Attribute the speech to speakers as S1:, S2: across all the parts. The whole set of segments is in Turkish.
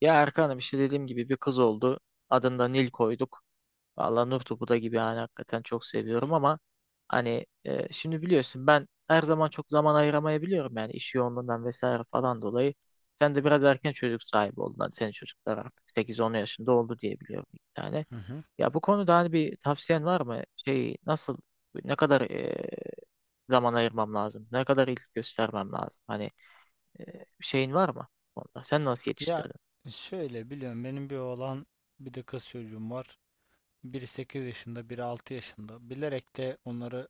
S1: Ya Erkan'ım işte dediğim gibi bir kız oldu. Adını da Nil koyduk. Vallahi Nur topu da gibi yani hakikaten çok seviyorum ama hani şimdi biliyorsun ben her zaman çok zaman ayıramayabiliyorum yani iş yoğunluğundan vesaire falan dolayı. Sen de biraz erken çocuk sahibi oldun. Hani senin çocuklar artık 8-10 yaşında oldu diye biliyorum bir tane.
S2: Hı hı.
S1: Ya bu konuda hani bir tavsiyen var mı? Şey nasıl ne kadar zaman ayırmam lazım? Ne kadar ilgi göstermem lazım? Hani şeyin var mı? Onda. Sen nasıl
S2: Ya
S1: yetiştirdin?
S2: şöyle biliyorum benim bir oğlan bir de kız çocuğum var. Biri 8 yaşında, biri 6 yaşında. Bilerek de onları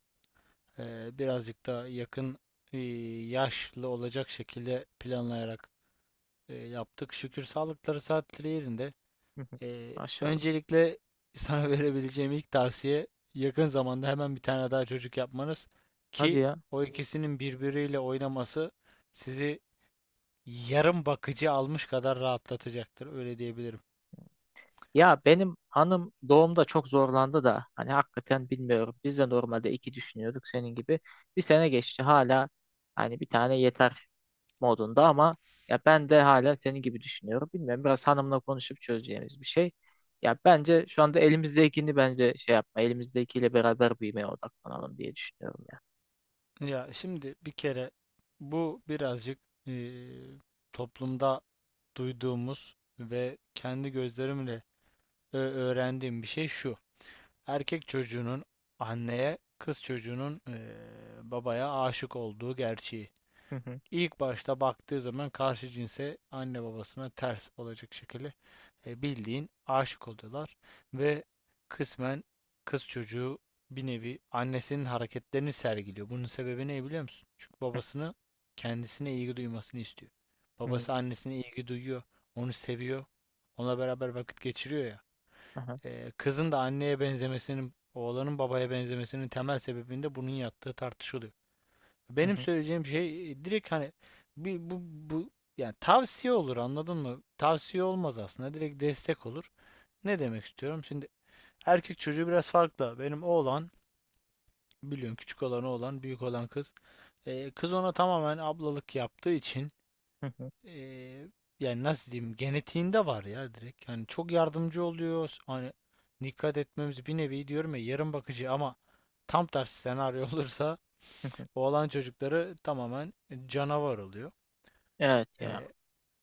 S2: birazcık daha yakın yaşlı olacak şekilde planlayarak yaptık. Şükür sağlıkları saatleri yerinde.
S1: Hı hı. Maşallah.
S2: Öncelikle sana verebileceğim ilk tavsiye yakın zamanda hemen bir tane daha çocuk yapmanız
S1: Hadi
S2: ki
S1: ya.
S2: o ikisinin birbiriyle oynaması sizi yarım bakıcı almış kadar rahatlatacaktır. Öyle diyebilirim.
S1: Ya benim hanım doğumda çok zorlandı da hani hakikaten bilmiyorum. Biz de normalde iki düşünüyorduk senin gibi. Bir sene geçti hala hani bir tane yeter modunda ama ya ben de hala senin gibi düşünüyorum. Bilmiyorum biraz hanımla konuşup çözeceğimiz bir şey. Ya bence şu anda elimizdekini bence şey yapma. Elimizdekiyle beraber büyümeye odaklanalım diye düşünüyorum ya.
S2: Ya şimdi bir kere bu birazcık eee, toplumda duyduğumuz ve kendi gözlerimle öğrendiğim bir şey şu. Erkek çocuğunun anneye, kız çocuğunun babaya aşık olduğu gerçeği.
S1: Hı hı.
S2: İlk başta baktığı zaman karşı cinse anne babasına ters olacak şekilde bildiğin aşık oluyorlar ve kısmen kız çocuğu bir nevi annesinin hareketlerini sergiliyor. Bunun sebebi ne biliyor musun? Çünkü
S1: Hı
S2: babasını kendisine ilgi duymasını istiyor.
S1: hı.
S2: Babası annesine ilgi duyuyor, onu seviyor, onunla beraber vakit geçiriyor ya.
S1: Aha.
S2: Kızın da anneye benzemesinin, oğlanın babaya benzemesinin temel sebebinde bunun yattığı tartışılıyor.
S1: Hı
S2: Benim
S1: hı.
S2: söyleyeceğim şey direkt hani bir, bu yani tavsiye olur anladın mı? Tavsiye olmaz aslında direkt destek olur. Ne demek istiyorum? Şimdi erkek çocuğu biraz farklı. Benim oğlan biliyorsun küçük olan oğlan, büyük olan kız. Kız ona tamamen ablalık yaptığı için
S1: Hı hı.
S2: ee, yani nasıl diyeyim genetiğinde var ya direkt. Yani çok yardımcı oluyor. Hani dikkat etmemiz bir nevi diyorum ya yarım bakıcı ama tam tersi senaryo olursa
S1: Hı hı.
S2: oğlan çocukları tamamen canavar oluyor.
S1: Evet ya.
S2: Ee,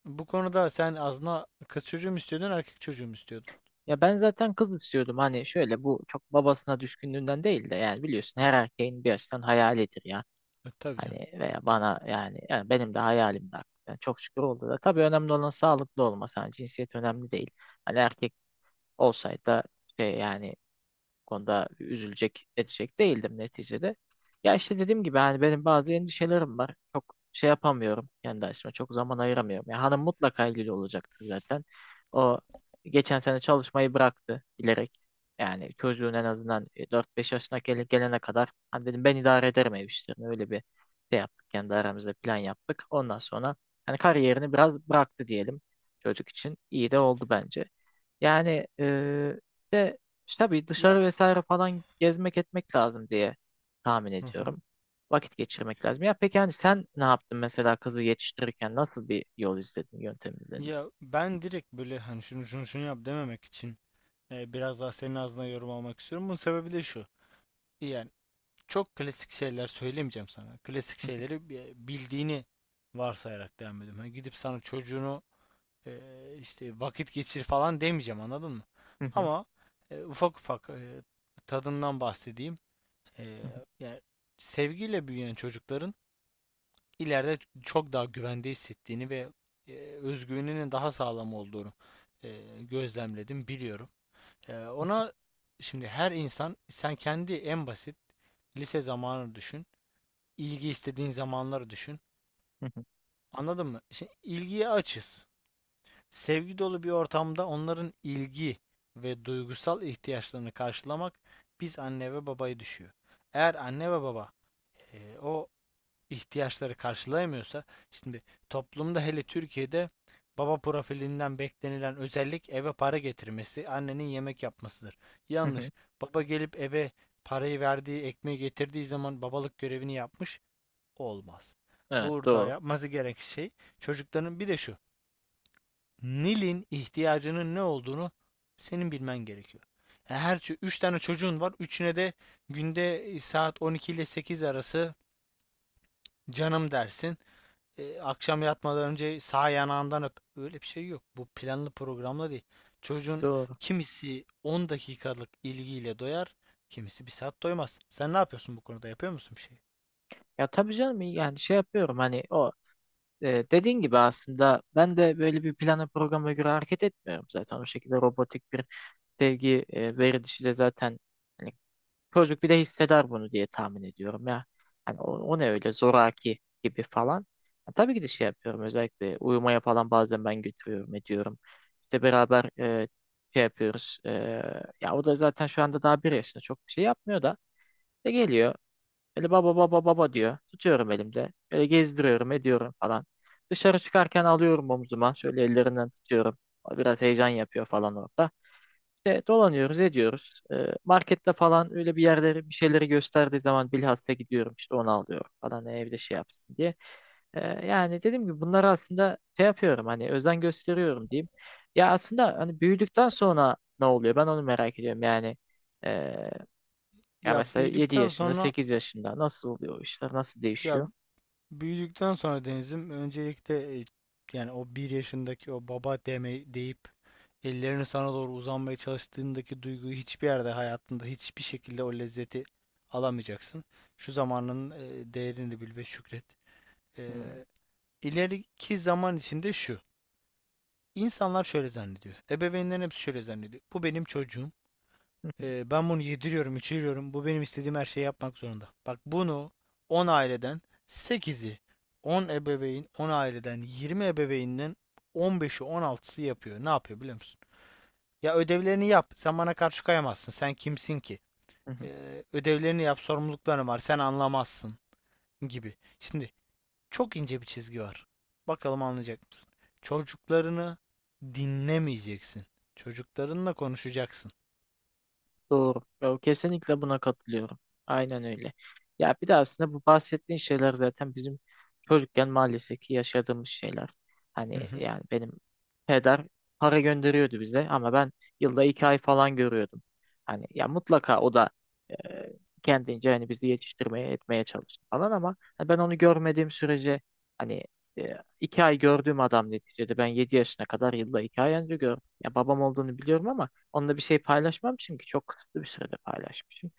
S2: Bu konuda sen aslında kız çocuğu mu istiyordun, erkek çocuğu mu istiyordun?
S1: Ya ben zaten kız istiyordum hani şöyle bu çok babasına düşkünlüğünden değil de yani biliyorsun her erkeğin bir açıdan hayalidir ya.
S2: E, tabii canım.
S1: Hani veya bana yani, yani benim de hayalim hakikaten. Çok şükür oldu da. Tabii önemli olan sağlıklı olması. Hani cinsiyet önemli değil. Hani erkek olsaydı da şey yani bu konuda üzülecek, edecek değildim neticede. Ya işte dediğim gibi hani benim bazı endişelerim var. Çok şey yapamıyorum kendi açıma. Çok zaman ayıramıyorum. Ya hanım mutlaka ilgili olacaktır zaten. O geçen sene çalışmayı bıraktı bilerek. Yani çocuğun en azından 4-5 yaşına gelene kadar hani dedim ben idare ederim ev işlerini. Öyle bir şey yaptık. Kendi aramızda plan yaptık. Ondan sonra hani kariyerini biraz bıraktı diyelim çocuk için. İyi de oldu bence. Yani işte tabii
S2: Ya.
S1: dışarı vesaire falan gezmek etmek lazım diye tahmin
S2: Hı hı.
S1: ediyorum. Vakit geçirmek lazım. Ya peki hani sen ne yaptın mesela kızı yetiştirirken nasıl bir yol izledin, yöntem izledin?
S2: Ya ben direkt böyle hani şunu şunu şunu yap dememek için biraz daha senin ağzına yorum almak istiyorum. Bunun sebebi de şu. Yani çok klasik şeyler söylemeyeceğim sana. Klasik
S1: Hı
S2: şeyleri bildiğini varsayarak devam ediyorum. Hani gidip sana çocuğunu e, işte vakit geçir falan demeyeceğim anladın mı?
S1: hı.
S2: Ama ufak ufak tadından bahsedeyim. E,
S1: Hı hı.
S2: Yani sevgiyle büyüyen çocukların ileride çok daha güvende hissettiğini ve özgüveninin daha sağlam olduğunu gözlemledim, biliyorum. Ona şimdi her insan sen kendi en basit lise zamanını düşün, ilgi istediğin zamanları düşün.
S1: Hı hı.
S2: Anladın mı? Şimdi ilgiye açız. Sevgi dolu bir ortamda onların ilgi ve duygusal ihtiyaçlarını karşılamak biz anne ve babayı düşüyor. Eğer anne ve baba o ihtiyaçları karşılayamıyorsa şimdi toplumda hele Türkiye'de baba profilinden beklenilen özellik eve para getirmesi, annenin yemek yapmasıdır.
S1: Hı hı.
S2: Yanlış. Baba gelip eve parayı verdiği, ekmeği getirdiği zaman babalık görevini yapmış olmaz.
S1: Evet
S2: Burada
S1: doğru.
S2: yapması gereken şey çocukların bir de şu. Nil'in ihtiyacının ne olduğunu senin bilmen gerekiyor. Yani her 3 tane çocuğun var. Üçüne de günde saat 12 ile 8 arası canım dersin. E, akşam yatmadan önce sağ yanağından öp. Öyle bir şey yok. Bu planlı programla değil. Çocuğun
S1: Doğru.
S2: kimisi 10 dakikalık ilgiyle doyar, kimisi bir saat doymaz. Sen ne yapıyorsun bu konuda? Yapıyor musun bir şey?
S1: Ya tabii canım yani şey yapıyorum hani o dediğin gibi aslında ben de böyle bir plana programa göre hareket etmiyorum zaten o şekilde robotik bir sevgi verilişiyle zaten hani çocuk bir de hisseder bunu diye tahmin ediyorum ya. Hani o, o ne öyle zoraki gibi falan. Ya tabii ki de şey yapıyorum özellikle uyumaya falan bazen ben götürüyorum ediyorum. İşte beraber şey yapıyoruz. Ya o da zaten şu anda daha bir yaşında çok bir şey yapmıyor da. İşte geliyor. Böyle baba baba baba diyor. Tutuyorum elimde. Böyle gezdiriyorum ediyorum falan. Dışarı çıkarken alıyorum omzuma. Şöyle ellerinden tutuyorum. O biraz heyecan yapıyor falan orada. İşte dolanıyoruz ediyoruz. Markette falan öyle bir yerleri bir şeyleri gösterdiği zaman bilhassa gidiyorum işte onu alıyorum falan, evde şey yapsın diye. Yani dediğim gibi bunları aslında şey yapıyorum hani özen gösteriyorum diyeyim. Ya aslında hani büyüdükten sonra ne oluyor ben onu merak ediyorum yani. ee, Ya
S2: Ya
S1: mesela 7
S2: büyüdükten
S1: yaşında,
S2: sonra
S1: 8 yaşında nasıl oluyor o işler, nasıl
S2: Ya
S1: değişiyor?
S2: büyüdükten sonra Deniz'im öncelikle yani o bir yaşındaki o baba deme deyip ellerini sana doğru uzanmaya çalıştığındaki duyguyu hiçbir yerde hayatında hiçbir şekilde o lezzeti alamayacaksın. Şu zamanın değerini de bil ve şükret. E,
S1: Hmm.
S2: İleriki zaman içinde şu. İnsanlar şöyle zannediyor. Ebeveynlerin hepsi şöyle zannediyor. Bu benim çocuğum. Ben bunu yediriyorum, içiriyorum. Bu benim istediğim her şeyi yapmak zorunda. Bak bunu 10 aileden sekizi, 10 ebeveyn, 10 aileden 20 ebeveynden on beşi, on altısı yapıyor. Ne yapıyor biliyor musun? Ya ödevlerini yap. Sen bana karşı koyamazsın. Sen kimsin ki? Ödevlerini yap, sorumlulukların var. Sen anlamazsın gibi. Şimdi çok ince bir çizgi var. Bakalım anlayacak mısın? Çocuklarını dinlemeyeceksin. Çocuklarınla konuşacaksın.
S1: Doğru. Ya, kesinlikle buna katılıyorum. Aynen öyle. Ya bir de aslında bu bahsettiğin şeyler zaten bizim çocukken maalesef ki yaşadığımız şeyler.
S2: Hı
S1: Hani
S2: hı.
S1: yani benim peder para gönderiyordu bize ama ben yılda 2 ay falan görüyordum. Hani ya mutlaka o da e, kendince hani bizi yetiştirmeye etmeye çalıştı falan ama hani ben onu görmediğim sürece hani 2 ay gördüğüm adam neticede ben 7 yaşına kadar yılda 2 ay önce gördüm. Ya babam olduğunu biliyorum ama onunla bir şey paylaşmam çünkü çok kısıtlı bir sürede paylaşmışım.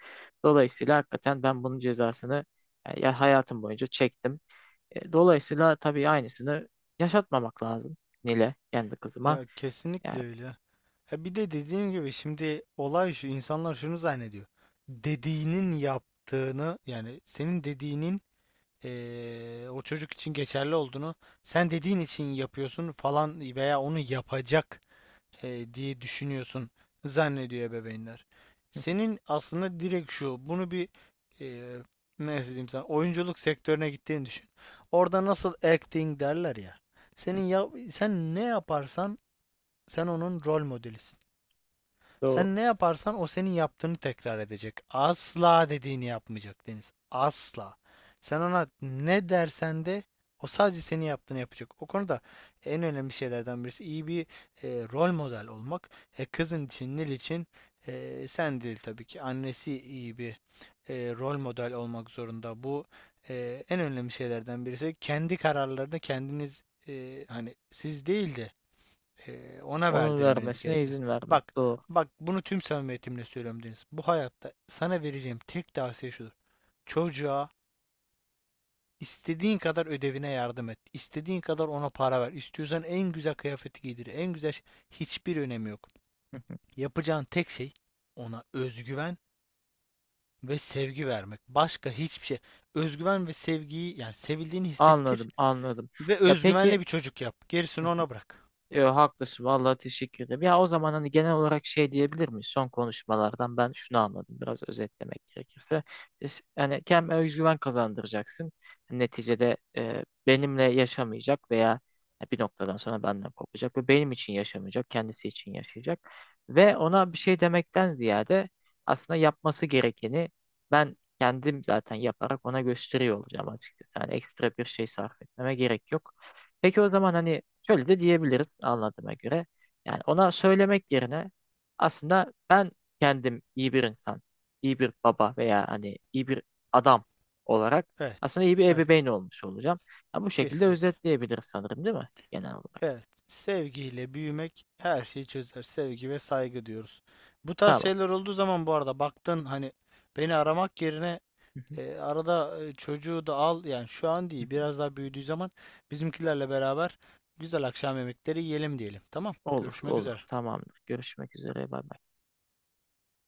S1: Dolayısıyla hakikaten ben bunun cezasını ya hayatım boyunca çektim. Dolayısıyla tabii aynısını yaşatmamak lazım Nile kendi kızıma.
S2: Ya
S1: Yani
S2: kesinlikle öyle. Ha bir de dediğim gibi şimdi olay şu insanlar şunu zannediyor. Dediğinin yaptığını yani senin dediğinin o çocuk için geçerli olduğunu sen dediğin için yapıyorsun falan veya onu yapacak diye düşünüyorsun zannediyor ebeveynler. Senin aslında direkt şu, bunu bir e, nasıl diyeyim sana, oyunculuk sektörüne gittiğini düşün. Orada nasıl acting derler ya. Senin ya, sen ne yaparsan sen onun rol modelisin.
S1: doğru.
S2: Sen ne yaparsan o senin yaptığını tekrar edecek. Asla dediğini yapmayacak Deniz. Asla. Sen ona ne dersen de o sadece senin yaptığını yapacak. O konuda en önemli şeylerden birisi iyi bir rol model olmak. Kızın için, Nil için sen değil tabii ki. Annesi iyi bir rol model olmak zorunda. Bu en önemli şeylerden birisi. Kendi kararlarını kendiniz hani siz değil de ona
S1: Onun
S2: verdirmeniz
S1: vermesine
S2: gerekiyor.
S1: izin vermek
S2: Bak,
S1: doğru.
S2: bak bunu tüm samimiyetimle söylüyorum Deniz. Bu hayatta sana vereceğim tek tavsiye şudur. Çocuğa istediğin kadar ödevine yardım et. İstediğin kadar ona para ver. İstiyorsan en güzel kıyafeti giydir. En güzel şey. Hiçbir önemi yok. Yapacağın tek şey ona özgüven ve sevgi vermek. Başka hiçbir şey. Özgüven ve sevgiyi yani sevildiğini hissettir
S1: Anladım, anladım.
S2: ve
S1: Ya
S2: özgüvenle
S1: peki
S2: bir çocuk yap. Gerisini ona bırak.
S1: yo, haklısın vallahi teşekkür ederim. Ya o zaman hani genel olarak şey diyebilir miyiz? Son konuşmalardan ben şunu anladım biraz özetlemek gerekirse. Yani kendine özgüven kazandıracaksın. Neticede benimle yaşamayacak veya bir noktadan sonra benden kopacak ve benim için yaşamayacak, kendisi için yaşayacak. Ve ona bir şey demekten ziyade aslında yapması gerekeni ben kendim zaten yaparak ona gösteriyor olacağım açıkçası. Yani ekstra bir şey sarf etmeme gerek yok. Peki o zaman hani şöyle de diyebiliriz anladığıma göre. Yani ona söylemek yerine aslında ben kendim iyi bir insan, iyi bir baba veya hani iyi bir adam olarak
S2: Evet.
S1: aslında iyi bir
S2: Evet.
S1: ebeveyn olmuş olacağım. Ya bu şekilde
S2: Kesinlikle.
S1: özetleyebiliriz sanırım değil mi? Genel olarak.
S2: Evet, sevgiyle büyümek her şeyi çözer. Sevgi ve saygı diyoruz. Bu tarz
S1: Tamam.
S2: şeyler olduğu zaman bu arada baktın hani beni aramak yerine
S1: Hı hı.
S2: arada çocuğu da al yani şu an değil biraz daha büyüdüğü zaman bizimkilerle beraber güzel akşam yemekleri yiyelim diyelim. Tamam,
S1: Olur,
S2: görüşmek
S1: olur.
S2: üzere.
S1: Tamamdır. Görüşmek üzere. Bay bay.